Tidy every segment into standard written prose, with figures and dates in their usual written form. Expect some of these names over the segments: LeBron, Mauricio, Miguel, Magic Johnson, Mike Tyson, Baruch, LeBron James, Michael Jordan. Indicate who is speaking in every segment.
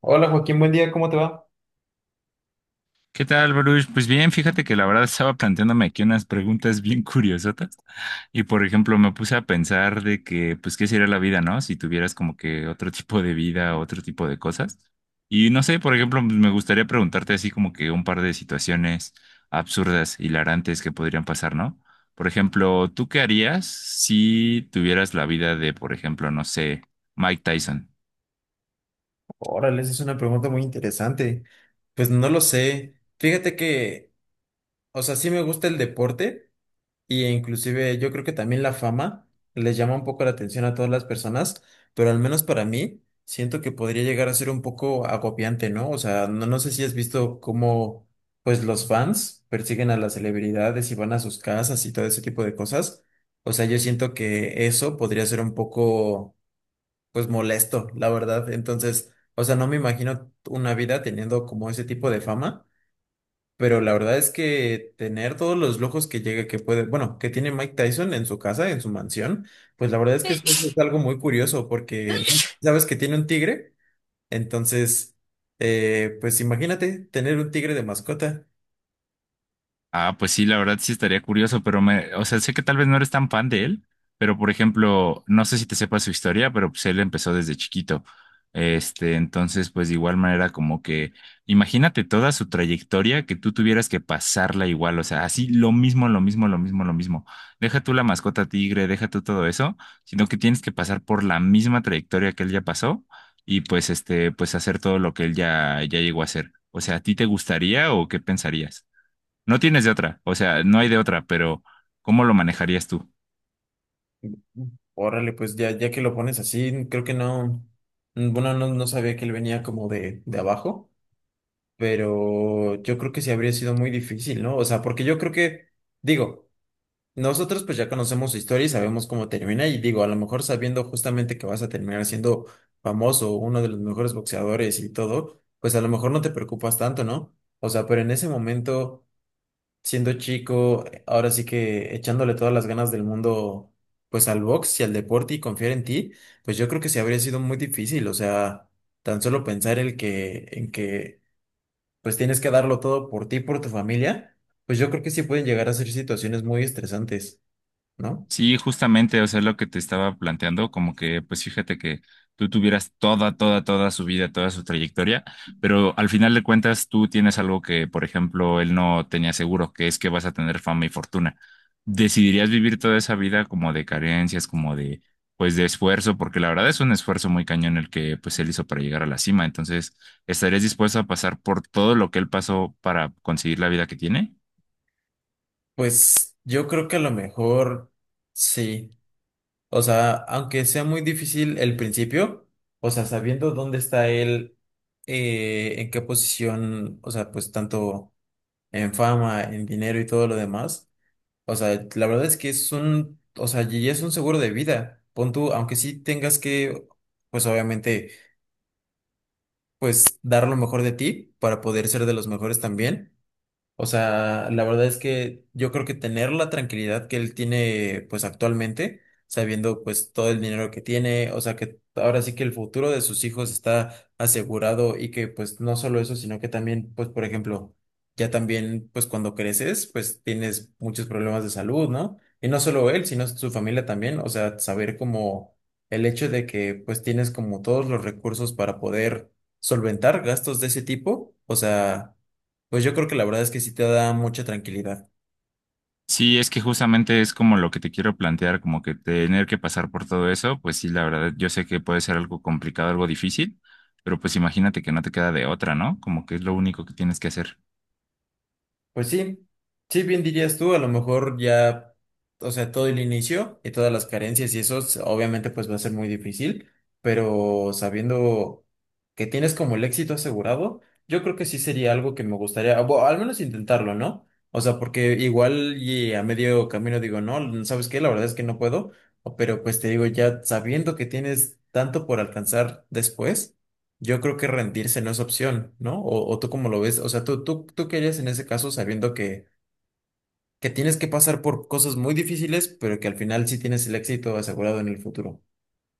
Speaker 1: Hola Joaquín, buen día, ¿cómo te va?
Speaker 2: ¿Qué tal, Baruch? Pues bien, fíjate que la verdad estaba planteándome aquí unas preguntas bien curiosotas y por ejemplo me puse a pensar de que pues qué sería la vida, ¿no? Si tuvieras como que otro tipo de vida, otro tipo de cosas. Y no sé, por ejemplo, pues, me gustaría preguntarte así como que un par de situaciones absurdas, hilarantes que podrían pasar, ¿no? Por ejemplo, ¿tú qué harías si tuvieras la vida de, por ejemplo, no sé, Mike Tyson?
Speaker 1: Órale, esa es una pregunta muy interesante. Pues no lo sé. Fíjate que, o sea, sí me gusta el deporte e inclusive yo creo que también la fama les llama un poco la atención a todas las personas, pero al menos para mí siento que podría llegar a ser un poco agobiante, ¿no? O sea, no, no sé si has visto cómo pues los fans persiguen a las celebridades y van a sus casas y todo ese tipo de cosas. O sea, yo siento que eso podría ser un poco pues molesto, la verdad. Entonces, o sea, no me imagino una vida teniendo como ese tipo de fama, pero la verdad es que tener todos los lujos que llega, que puede, bueno, que tiene Mike Tyson en su casa, en su mansión, pues la verdad es que eso es algo muy curioso porque, ¿no? Sabes que tiene un tigre, entonces, pues imagínate tener un tigre de mascota.
Speaker 2: Ah, pues sí, la verdad sí estaría curioso, pero me, o sea, sé que tal vez no eres tan fan de él, pero por ejemplo, no sé si te sepas su historia, pero pues él empezó desde chiquito. Este, entonces, pues de igual manera como que, imagínate toda su trayectoria que tú tuvieras que pasarla igual, o sea, así lo mismo, lo mismo, lo mismo, lo mismo. Deja tú la mascota tigre, deja tú todo eso, sino que tienes que pasar por la misma trayectoria que él ya pasó y pues este, pues hacer todo lo que él ya llegó a hacer. O sea, ¿a ti te gustaría o qué pensarías? No tienes de otra, o sea, no hay de otra, pero ¿cómo lo manejarías tú?
Speaker 1: Órale, pues ya, ya que lo pones así, creo que no. Bueno, no, no sabía que él venía como de abajo. Pero yo creo que sí habría sido muy difícil, ¿no? O sea, porque yo creo que, digo, nosotros pues ya conocemos su historia y sabemos cómo termina y digo, a lo mejor sabiendo justamente que vas a terminar siendo famoso, uno de los mejores boxeadores y todo, pues a lo mejor no te preocupas tanto, ¿no? O sea, pero en ese momento, siendo chico, ahora sí que echándole todas las ganas del mundo, pues al box y al deporte y confiar en ti, pues yo creo que sí habría sido muy difícil, o sea, tan solo pensar el que, en que pues tienes que darlo todo por ti, por tu familia, pues yo creo que sí pueden llegar a ser situaciones muy estresantes, ¿no?
Speaker 2: Sí, justamente, o sea, lo que te estaba planteando, como que, pues fíjate que tú tuvieras toda su vida, toda su trayectoria, pero al final de cuentas tú tienes algo que, por ejemplo, él no tenía seguro, que es que vas a tener fama y fortuna. ¿Decidirías vivir toda esa vida como de carencias, como de, pues, de esfuerzo? Porque la verdad es un esfuerzo muy cañón el que, pues, él hizo para llegar a la cima. Entonces, ¿estarías dispuesto a pasar por todo lo que él pasó para conseguir la vida que tiene?
Speaker 1: Pues yo creo que a lo mejor sí. O sea, aunque sea muy difícil el principio, o sea, sabiendo dónde está él, en qué posición, o sea, pues tanto en fama, en dinero y todo lo demás, o sea, la verdad es que es un, o sea, y es un seguro de vida. Pon tú, aunque sí tengas que, pues obviamente pues dar lo mejor de ti para poder ser de los mejores también. O sea, la verdad es que yo creo que tener la tranquilidad que él tiene pues actualmente, sabiendo pues todo el dinero que tiene, o sea que ahora sí que el futuro de sus hijos está asegurado y que pues no solo eso, sino que también pues por ejemplo, ya también pues cuando creces pues tienes muchos problemas de salud, ¿no? Y no solo él, sino su familia también, o sea, saber como el hecho de que pues tienes como todos los recursos para poder solventar gastos de ese tipo, o sea... Pues yo creo que la verdad es que sí te da mucha tranquilidad.
Speaker 2: Sí, es que justamente es como lo que te quiero plantear, como que tener que pasar por todo eso, pues sí, la verdad, yo sé que puede ser algo complicado, algo difícil, pero pues imagínate que no te queda de otra, ¿no? Como que es lo único que tienes que hacer.
Speaker 1: Pues sí, sí, bien dirías tú, a lo mejor ya, o sea, todo el inicio y todas las carencias y eso, obviamente pues va a ser muy difícil, pero sabiendo que tienes como el éxito asegurado, yo creo que sí sería algo que me gustaría, o al menos intentarlo, ¿no? O sea, porque igual y a medio camino digo, no, ¿sabes qué? La verdad es que no puedo, pero pues te digo, ya sabiendo que tienes tanto por alcanzar después. Yo creo que rendirse no es opción, ¿no? O tú como lo ves, o sea, tú qué harías en ese caso sabiendo que tienes que pasar por cosas muy difíciles, pero que al final sí tienes el éxito asegurado en el futuro.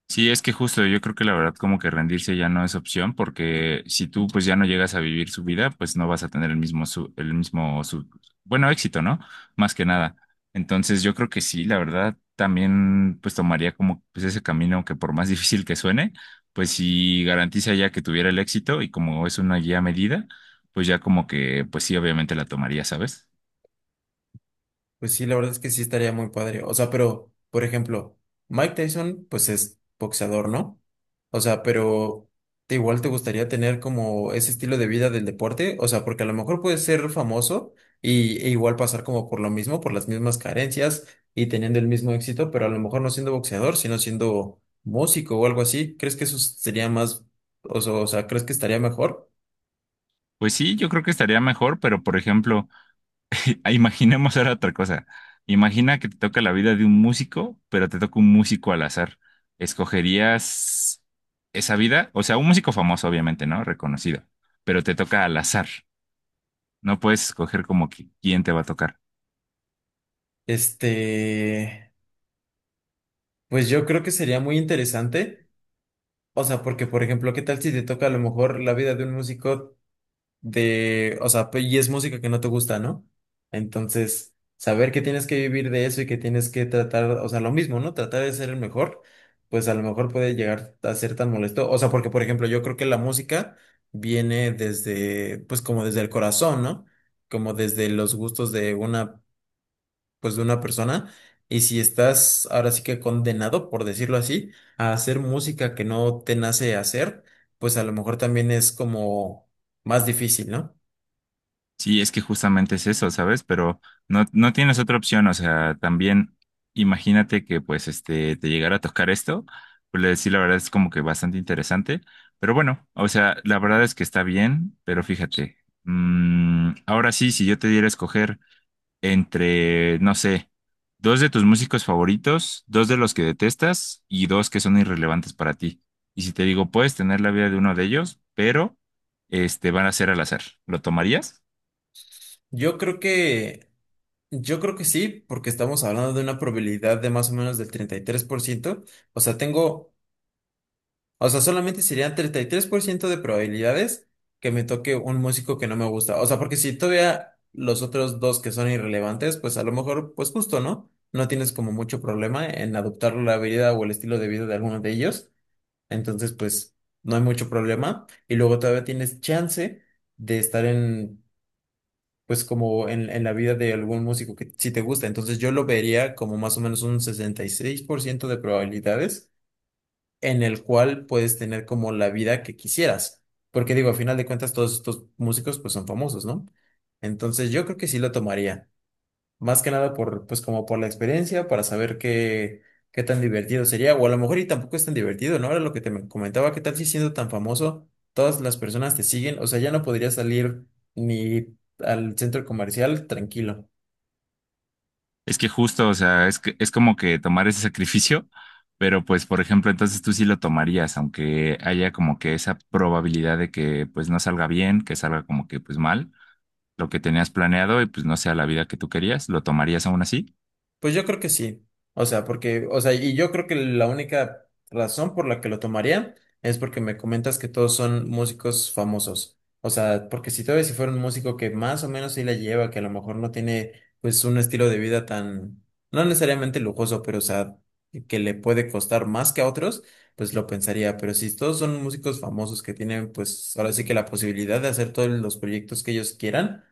Speaker 2: Sí, es que justo yo creo que la verdad como que rendirse ya no es opción porque si tú pues ya no llegas a vivir su vida, pues no vas a tener el mismo éxito, ¿no? Más que nada. Entonces yo creo que sí, la verdad también pues tomaría como pues ese camino que por más difícil que suene, pues sí garantiza ya que tuviera el éxito y como es una guía medida, pues ya como que pues sí obviamente la tomaría, ¿sabes?
Speaker 1: Pues sí, la verdad es que sí estaría muy padre. O sea, pero, por ejemplo, Mike Tyson, pues es boxeador, ¿no? O sea, pero ¿te igual te gustaría tener como ese estilo de vida del deporte? O sea, porque a lo mejor puedes ser famoso y, e igual pasar como por lo mismo, por las mismas carencias y teniendo el mismo éxito, pero a lo mejor no siendo boxeador, sino siendo músico o algo así. ¿Crees que eso sería más, o sea, crees que estaría mejor?
Speaker 2: Pues sí, yo creo que estaría mejor, pero por ejemplo, ah, imaginemos ahora otra cosa. Imagina que te toca la vida de un músico, pero te toca un músico al azar. ¿Escogerías esa vida? O sea, un músico famoso, obviamente, ¿no? Reconocido, pero te toca al azar. No puedes escoger como que quién te va a tocar.
Speaker 1: Este, pues yo creo que sería muy interesante. O sea, porque, por ejemplo, ¿qué tal si te toca a lo mejor la vida de un músico de, o sea, y es música que no te gusta, ¿no? Entonces, saber que tienes que vivir de eso y que tienes que tratar, o sea, lo mismo, ¿no? Tratar de ser el mejor, pues a lo mejor puede llegar a ser tan molesto. O sea, porque, por ejemplo, yo creo que la música viene desde, pues como desde el corazón, ¿no? Como desde los gustos de una pues de una persona y si estás ahora sí que condenado, por decirlo así, a hacer música que no te nace hacer, pues a lo mejor también es como más difícil, ¿no?
Speaker 2: Sí, es que justamente es eso, ¿sabes? Pero no tienes otra opción, o sea, también imagínate que pues este te llegara a tocar esto, pues le decía, la verdad es como que bastante interesante, pero bueno, o sea, la verdad es que está bien, pero fíjate, ahora sí, si yo te diera a escoger entre, no sé, dos de tus músicos favoritos, dos de los que detestas y dos que son irrelevantes para ti. Y si te digo, puedes tener la vida de uno de ellos, pero este van a ser al azar, ¿lo tomarías?
Speaker 1: Yo creo que, yo creo que sí, porque estamos hablando de una probabilidad de más o menos del 33%, o sea, solamente serían 33% de probabilidades que me toque un músico que no me gusta. O sea, porque si todavía los otros dos que son irrelevantes, pues a lo mejor, pues justo, ¿no? No tienes como mucho problema en adoptar la vida o el estilo de vida de alguno de ellos. Entonces, pues no hay mucho problema. Y luego todavía tienes chance de estar en, pues como en la vida de algún músico que sí te gusta. Entonces yo lo vería como más o menos un 66% de probabilidades en el cual puedes tener como la vida que quisieras. Porque digo, a final de cuentas, todos estos músicos pues son famosos, ¿no? Entonces yo creo que sí lo tomaría. Más que nada por, pues como por la experiencia, para saber qué, tan divertido sería. O a lo mejor y tampoco es tan divertido, ¿no? Era lo que te comentaba, ¿qué tal si siendo tan famoso, todas las personas te siguen? O sea, ya no podrías salir ni al centro comercial tranquilo.
Speaker 2: Es que justo, o sea, es que es como que tomar ese sacrificio, pero pues, por ejemplo, entonces tú sí lo tomarías, aunque haya como que esa probabilidad de que pues no salga bien, que salga como que pues mal, lo que tenías planeado y pues no sea la vida que tú querías, ¿lo tomarías aún así?
Speaker 1: Pues yo creo que sí. O sea, porque, o sea, y yo creo que la única razón por la que lo tomaría es porque me comentas que todos son músicos famosos. O sea, porque si todavía si fuera un músico que más o menos sí la lleva, que a lo mejor no tiene pues un estilo de vida tan, no necesariamente lujoso, pero o sea, que le puede costar más que a otros, pues lo pensaría. Pero si todos son músicos famosos que tienen pues ahora sí que la posibilidad de hacer todos los proyectos que ellos quieran,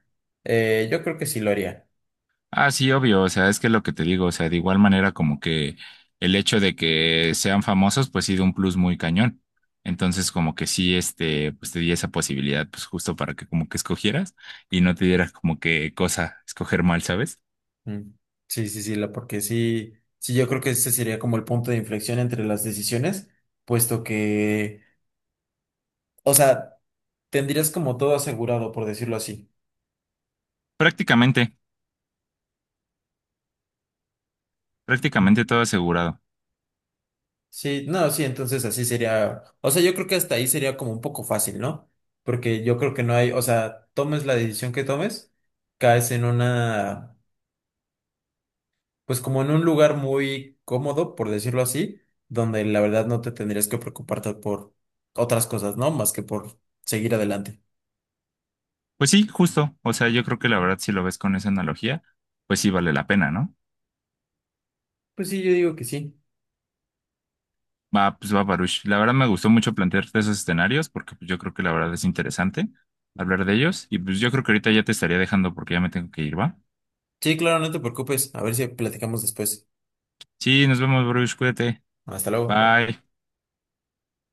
Speaker 1: yo creo que sí lo haría.
Speaker 2: Ah, sí, obvio, o sea, es que lo que te digo, o sea, de igual manera como que el hecho de que sean famosos, pues sí da un plus muy cañón. Entonces, como que sí, este, pues te di esa posibilidad, pues justo para que como que escogieras y no te diera como que cosa escoger mal, ¿sabes?
Speaker 1: Mm. Sí, sí, sí, porque sí, sí, yo creo que ese sería como el punto de inflexión entre las decisiones, puesto que, o sea, tendrías como todo asegurado, por decirlo así.
Speaker 2: Prácticamente, prácticamente todo asegurado.
Speaker 1: Sí, no, sí, entonces así sería, o sea, yo creo que hasta ahí sería como un poco fácil, ¿no? Porque yo creo que no hay, o sea, tomes la decisión que tomes, caes en una, pues como en un lugar muy cómodo, por decirlo así, donde la verdad no te tendrías que preocuparte por otras cosas, ¿no? Más que por seguir adelante.
Speaker 2: Pues sí, justo. O sea, yo creo que la verdad, si lo ves con esa analogía, pues sí vale la pena, ¿no?
Speaker 1: Pues sí, yo digo que sí.
Speaker 2: Va, pues va, Baruch. La verdad me gustó mucho plantearte esos escenarios porque pues, yo creo que la verdad es interesante hablar de ellos. Y pues yo creo que ahorita ya te estaría dejando porque ya me tengo que ir, ¿va?
Speaker 1: Sí, claro, no te preocupes. A ver si platicamos después.
Speaker 2: Sí, nos vemos, Baruch. Cuídate.
Speaker 1: Hasta luego.
Speaker 2: Bye.